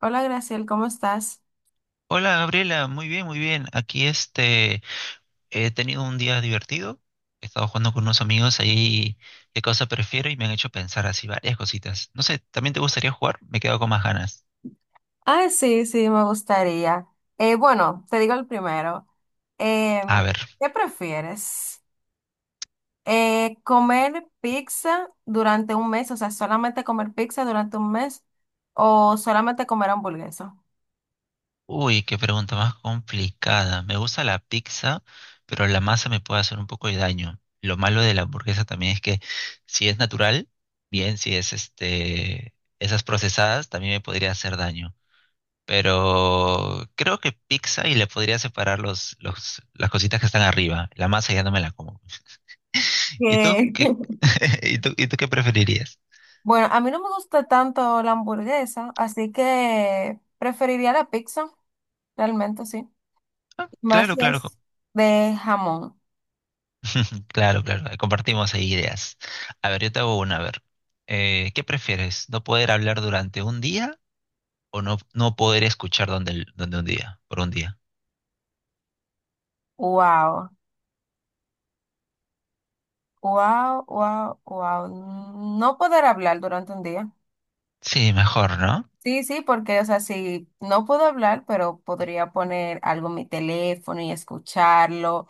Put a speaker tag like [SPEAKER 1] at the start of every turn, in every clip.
[SPEAKER 1] Hola, Graciel, ¿cómo estás?
[SPEAKER 2] Hola Gabriela, muy bien, muy bien. Aquí he tenido un día divertido. He estado jugando con unos amigos ahí qué cosa prefiero y me han hecho pensar así varias cositas. No sé, ¿también te gustaría jugar? Me quedo con más ganas.
[SPEAKER 1] Ah, sí, sí, me gustaría. Bueno, te digo el primero. Eh,
[SPEAKER 2] A ver.
[SPEAKER 1] ¿Qué prefieres? ¿Comer pizza durante un mes? O sea, solamente comer pizza durante un mes o solamente comer hamburguesa.
[SPEAKER 2] Uy, qué pregunta más complicada. Me gusta la pizza, pero la masa me puede hacer un poco de daño. Lo malo de la hamburguesa también es que si es natural, bien, si es esas procesadas también me podría hacer daño. Pero creo que pizza y le podría separar las cositas que están arriba. La masa ya no me la como. ¿Y tú
[SPEAKER 1] Que.
[SPEAKER 2] qué, y tú qué preferirías?
[SPEAKER 1] Bueno, a mí no me gusta tanto la hamburguesa, así que preferiría la pizza, realmente sí.
[SPEAKER 2] Ah,
[SPEAKER 1] Más
[SPEAKER 2] claro,
[SPEAKER 1] si
[SPEAKER 2] claro.
[SPEAKER 1] es de jamón.
[SPEAKER 2] Claro, claro. ahí Compartimos ahí ideas. A ver, yo te hago una. A ver, ¿qué prefieres? ¿No poder hablar durante un día o no poder escuchar donde, el- donde un día, por un día?
[SPEAKER 1] Wow. Wow, wow, wow. No poder hablar durante un día.
[SPEAKER 2] Sí, mejor, ¿no?
[SPEAKER 1] Sí, sí, porque, o sea, sí, no puedo hablar, pero podría poner algo en mi teléfono y escucharlo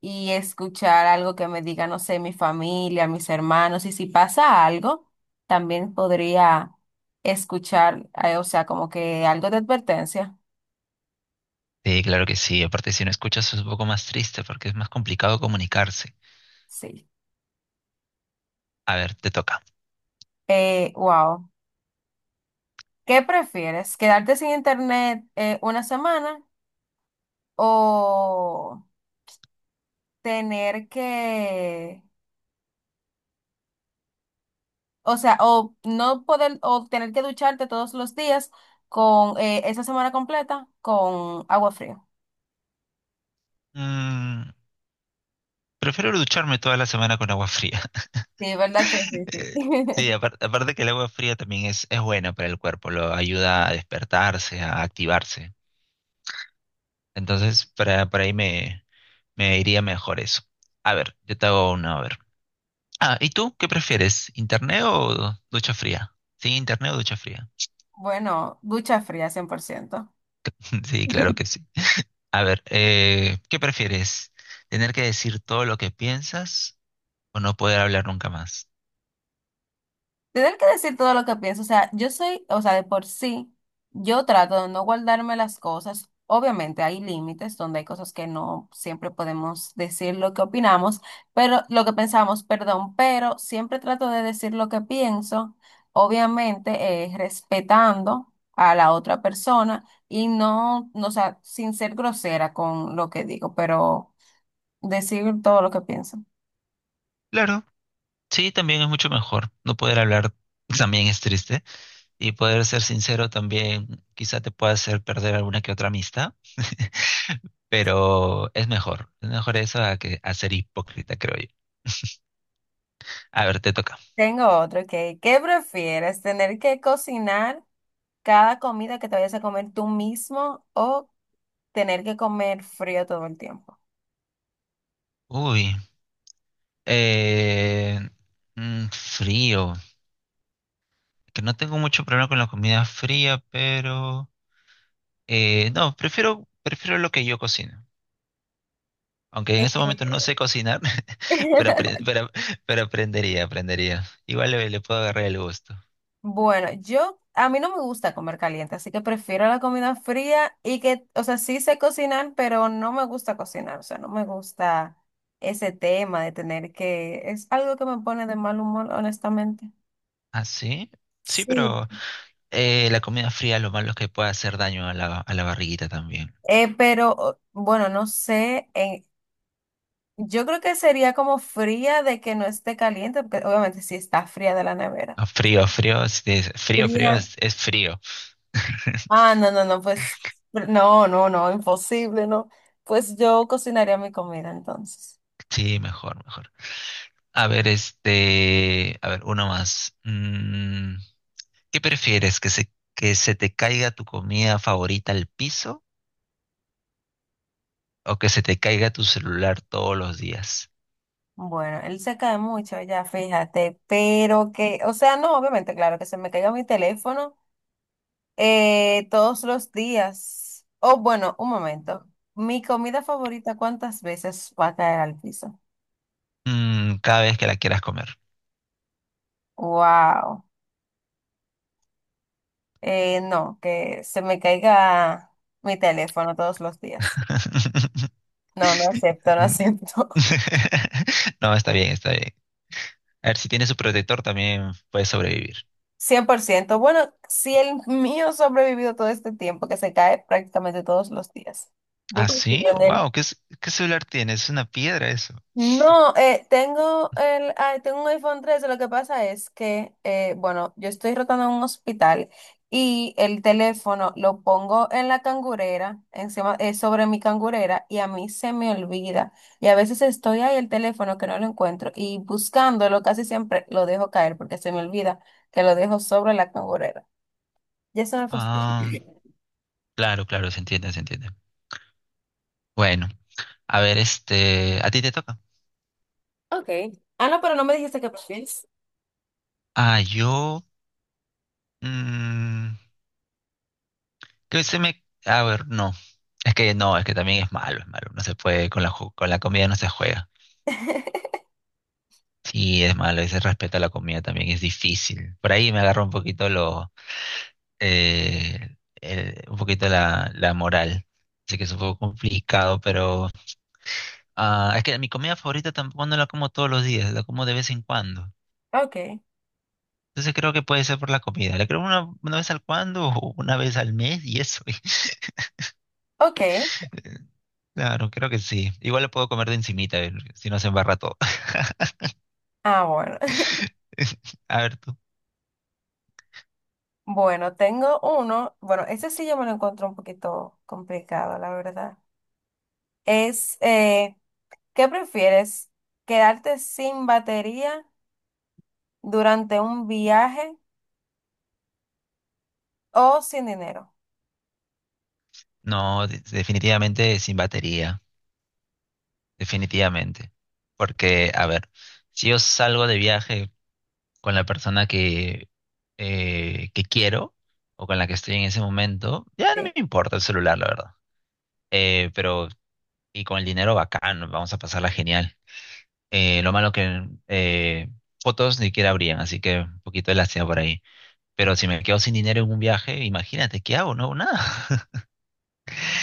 [SPEAKER 1] y escuchar algo que me diga, no sé, mi familia, mis hermanos. Y si pasa algo, también podría escuchar, o sea, como que algo de advertencia.
[SPEAKER 2] Sí, claro que sí. Aparte, si no escuchas es un poco más triste porque es más complicado comunicarse.
[SPEAKER 1] Sí.
[SPEAKER 2] A ver, te toca.
[SPEAKER 1] Wow. ¿Qué prefieres? ¿Quedarte sin internet, una semana o tener que, o sea, o no poder, o tener que ducharte todos los días con, esa semana completa con agua fría?
[SPEAKER 2] Mm, Prefiero ducharme toda la semana con agua fría.
[SPEAKER 1] Sí, ¿verdad que sí, sí?
[SPEAKER 2] Eh, Sí, aparte, que el agua fría también es buena para el cuerpo, lo ayuda a despertarse, a activarse. Entonces, para me iría mejor eso. A ver, yo te hago una, a ver. Ah, ¿y tú qué prefieres? ¿Internet o ducha fría? Sí, internet o ducha fría.
[SPEAKER 1] Bueno, ducha fría, 100%.
[SPEAKER 2] Sí, claro que sí. A ver, ¿qué prefieres? ¿Tener que decir todo lo que piensas o no poder hablar nunca más?
[SPEAKER 1] Tener que decir todo lo que pienso, o sea, yo soy, o sea, de por sí, yo trato de no guardarme las cosas. Obviamente hay límites donde hay cosas que no siempre podemos decir lo que opinamos, pero lo que pensamos, perdón, pero siempre trato de decir lo que pienso, obviamente, respetando a la otra persona y no, no, o sea, sin ser grosera con lo que digo, pero decir todo lo que pienso.
[SPEAKER 2] Claro. Sí, también es mucho mejor. No poder hablar también es triste. Y poder ser sincero también quizá te pueda hacer perder alguna que otra amistad. Pero es mejor. Es mejor eso a que a ser hipócrita, creo yo. A ver, te toca.
[SPEAKER 1] Tengo otro que, ¿qué prefieres? ¿Tener que cocinar cada comida que te vayas a comer tú mismo o tener que comer frío todo el tiempo?
[SPEAKER 2] Uy. Eh, frío. Que no tengo mucho problema con la comida fría, pero no, prefiero lo que yo cocino. Aunque en estos
[SPEAKER 1] Este.
[SPEAKER 2] momentos no sé cocinar, pero, apre- pero, pero aprendería, aprendería. Igual le puedo agarrar el gusto.
[SPEAKER 1] Bueno, yo, a mí no me gusta comer caliente, así que prefiero la comida fría y que, o sea, sí sé cocinar, pero no me gusta cocinar, o sea, no me gusta ese tema de tener que, es algo que me pone de mal humor, honestamente.
[SPEAKER 2] ¿Ah, sí? Sí,
[SPEAKER 1] Sí.
[SPEAKER 2] pero la comida fría lo malo es que puede hacer daño a a la barriguita también.
[SPEAKER 1] Pero bueno, no sé, yo creo que sería como fría de que no esté caliente, porque obviamente sí está fría de la nevera.
[SPEAKER 2] Ah,
[SPEAKER 1] Fría.
[SPEAKER 2] es frío.
[SPEAKER 1] Ah, no, no, no, pues no, no, no, imposible, no. Pues yo cocinaría mi comida entonces.
[SPEAKER 2] Sí, mejor, mejor. A ver, a ver, uno más. ¿Qué prefieres? ¿Que que se te caiga tu comida favorita al piso o que se te caiga tu celular todos los días?
[SPEAKER 1] Bueno, él se cae mucho ya, fíjate, pero que, o sea, no, obviamente, claro, que se me caiga mi teléfono, todos los días. O bueno, un momento. Mi comida favorita, ¿cuántas veces va a caer al piso?
[SPEAKER 2] Mm, cada vez que la quieras comer.
[SPEAKER 1] Wow. No, que se me caiga mi teléfono todos los días. No, no acepto, no acepto.
[SPEAKER 2] No, está bien, está bien. A ver, si tiene su protector también puede sobrevivir.
[SPEAKER 1] Cien por ciento. Bueno, si el mío ha sobrevivido todo este tiempo, que se cae prácticamente todos los días. Yo
[SPEAKER 2] Ah,
[SPEAKER 1] confío
[SPEAKER 2] sí,
[SPEAKER 1] en él.
[SPEAKER 2] wow, ¿qué, qué celular tiene? Es una piedra eso.
[SPEAKER 1] No, tengo un iPhone 13, lo que pasa es que, bueno, yo estoy rotando en un hospital y el teléfono lo pongo en la cangurera, encima, sobre mi cangurera, y a mí se me olvida. Y a veces estoy ahí, el teléfono que no lo encuentro, y buscándolo casi siempre lo dejo caer porque se me olvida que lo dejo sobre la cangurera. Ya se me fastidia.
[SPEAKER 2] Ah, claro, claro, se entiende, se entiende. Bueno, a ver, a ti te toca.
[SPEAKER 1] Ok. Ah, no, pero no me dijiste que prefieres.
[SPEAKER 2] Ah, yo, mm, que se me, a ver, no, es que también es malo, no se puede, con la comida no se juega. Sí, es malo, ese respeto a la comida también es difícil. Por ahí me agarra un poquito un poquito la moral. Así que es un poco complicado, pero es que mi comida favorita tampoco no la como todos los días, la como de vez en cuando.
[SPEAKER 1] Ok,
[SPEAKER 2] Entonces creo que puede ser por la comida. La creo una vez al cuando o una vez al mes y eso.
[SPEAKER 1] ok.
[SPEAKER 2] Claro, creo que sí. Igual lo puedo comer de encimita, si no se embarra todo.
[SPEAKER 1] Ah, bueno.
[SPEAKER 2] A ver tú.
[SPEAKER 1] Bueno, tengo uno, bueno, ese sí yo me lo encuentro un poquito complicado, la verdad. Es, eh, ¿Qué prefieres? ¿Quedarte sin batería durante un viaje o sin dinero?
[SPEAKER 2] No, definitivamente sin batería. Definitivamente. Porque, a ver, si yo salgo de viaje con la persona que quiero o con la que estoy en ese momento, ya no me
[SPEAKER 1] Sí.
[SPEAKER 2] importa el celular, la verdad. Eh, pero, y con el dinero bacán, vamos a pasarla genial. Lo malo que fotos ni siquiera habrían, así que un poquito de lástima por ahí. Pero si me quedo sin dinero en un viaje, imagínate, ¿qué hago? No hago nada.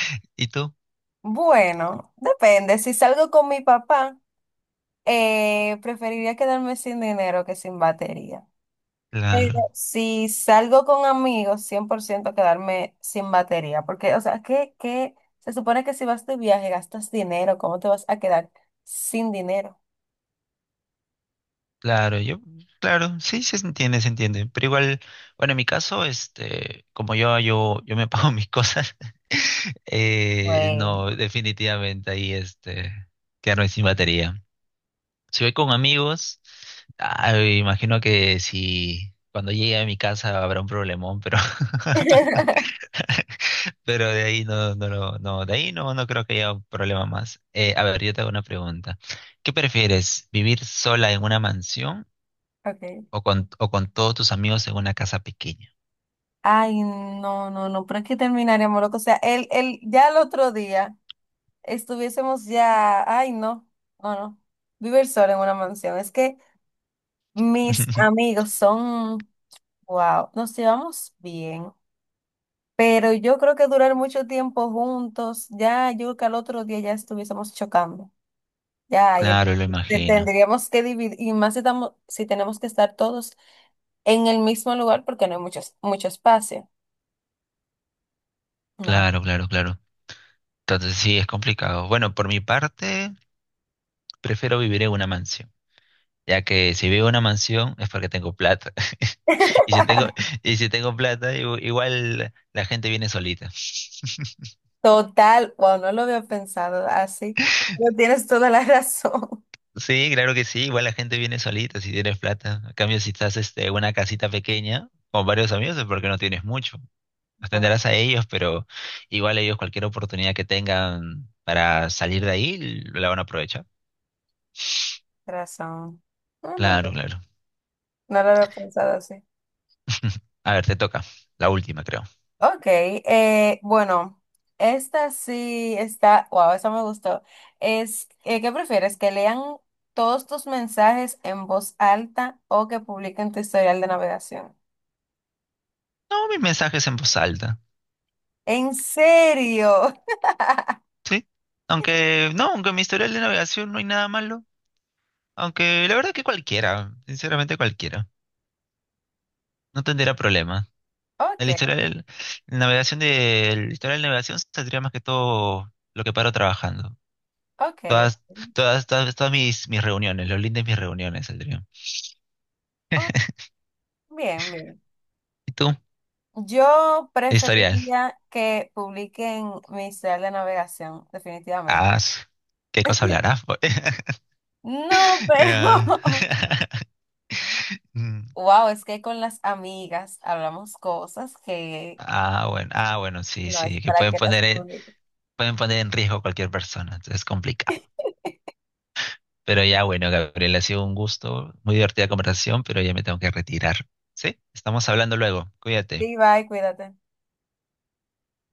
[SPEAKER 2] ¿Y tú?
[SPEAKER 1] Bueno, depende. Si salgo con mi papá, preferiría quedarme sin dinero que sin batería. Pero
[SPEAKER 2] Claro.
[SPEAKER 1] si salgo con amigos, 100% quedarme sin batería, porque, o sea, ¿qué, qué? Se supone que si vas de viaje gastas dinero, ¿cómo te vas a quedar sin dinero?
[SPEAKER 2] Claro, yo, claro, sí, sí se entiende, se entiende. Pero igual, bueno, en mi caso, yo me pago mis cosas,
[SPEAKER 1] Bueno.
[SPEAKER 2] no, definitivamente quedarme sin batería. Si voy con amigos, ah, imagino que si cuando llegue a mi casa habrá un problemón, pero, pero de ahí de ahí no, no creo que haya un problema más. A ver, yo te hago una pregunta. ¿Qué prefieres, vivir sola en una mansión
[SPEAKER 1] Okay.
[SPEAKER 2] o o con todos tus amigos en una casa pequeña?
[SPEAKER 1] Ay, no, no, no, pero es que terminaríamos loco. O sea, ya el otro día estuviésemos ya, ay, no, no, no, vivir solo en una mansión. Es que mis amigos son, wow, nos llevamos bien. Pero yo creo que durar mucho tiempo juntos, ya yo creo que al otro día ya estuviésemos chocando. Ya, ahí
[SPEAKER 2] Claro, lo imagino.
[SPEAKER 1] tendríamos que dividir, y más si estamos, si tenemos que estar todos en el mismo lugar porque no hay mucho, mucho espacio. No.
[SPEAKER 2] Claro, claro, claro. Entonces sí, es complicado. Bueno, por mi parte, prefiero vivir en una mansión, ya que si vivo en una mansión es porque tengo plata. Y si tengo, y si tengo plata, igual la gente viene solita.
[SPEAKER 1] Total, wow, no lo había pensado así. Pero tienes toda la razón.
[SPEAKER 2] Sí, claro que sí, igual la gente viene solita si tienes plata. A cambio, si estás en una casita pequeña con varios amigos es porque no tienes mucho.
[SPEAKER 1] Bueno,
[SPEAKER 2] Atenderás a ellos, pero igual ellos cualquier oportunidad que tengan para salir de ahí la van a aprovechar.
[SPEAKER 1] razón. No, no,
[SPEAKER 2] Claro,
[SPEAKER 1] no,
[SPEAKER 2] claro.
[SPEAKER 1] no lo había pensado así.
[SPEAKER 2] A ver, te toca. La última, creo.
[SPEAKER 1] Ok, bueno, esta sí está, wow, esa me gustó. ¿Qué prefieres? ¿Que lean todos tus mensajes en voz alta o que publiquen tu historial de navegación?
[SPEAKER 2] No, mis mensajes en voz alta.
[SPEAKER 1] ¿En serio?
[SPEAKER 2] ¿Sí? Aunque, no, aunque en mi historial de navegación no hay nada malo. Aunque la verdad que cualquiera, sinceramente cualquiera. No tendría problema.
[SPEAKER 1] Ok,
[SPEAKER 2] El historial, el historial de navegación saldría más que todo lo que paro trabajando.
[SPEAKER 1] ok.
[SPEAKER 2] Todas, todas mis reuniones, los links de mis reuniones saldrían.
[SPEAKER 1] Oh, bien, bien.
[SPEAKER 2] ¿Y tú?
[SPEAKER 1] Yo
[SPEAKER 2] Historial.
[SPEAKER 1] preferiría que publiquen mi historial de navegación, definitivamente.
[SPEAKER 2] Ah, su- ¿Qué cosa hablarás? Po?
[SPEAKER 1] No, pero...
[SPEAKER 2] Ya. Mm.
[SPEAKER 1] Wow, es que con las amigas hablamos cosas que...
[SPEAKER 2] Bueno, ah, bueno, sí,
[SPEAKER 1] No, es
[SPEAKER 2] sí, que
[SPEAKER 1] para que las publique.
[SPEAKER 2] pueden poner en riesgo a cualquier persona, entonces es complicado. Pero ya, bueno, Gabriel, ha sido un gusto, muy divertida conversación, pero ya me tengo que retirar. ¿Sí? Estamos hablando luego, cuídate.
[SPEAKER 1] Sí, bye, cuídate.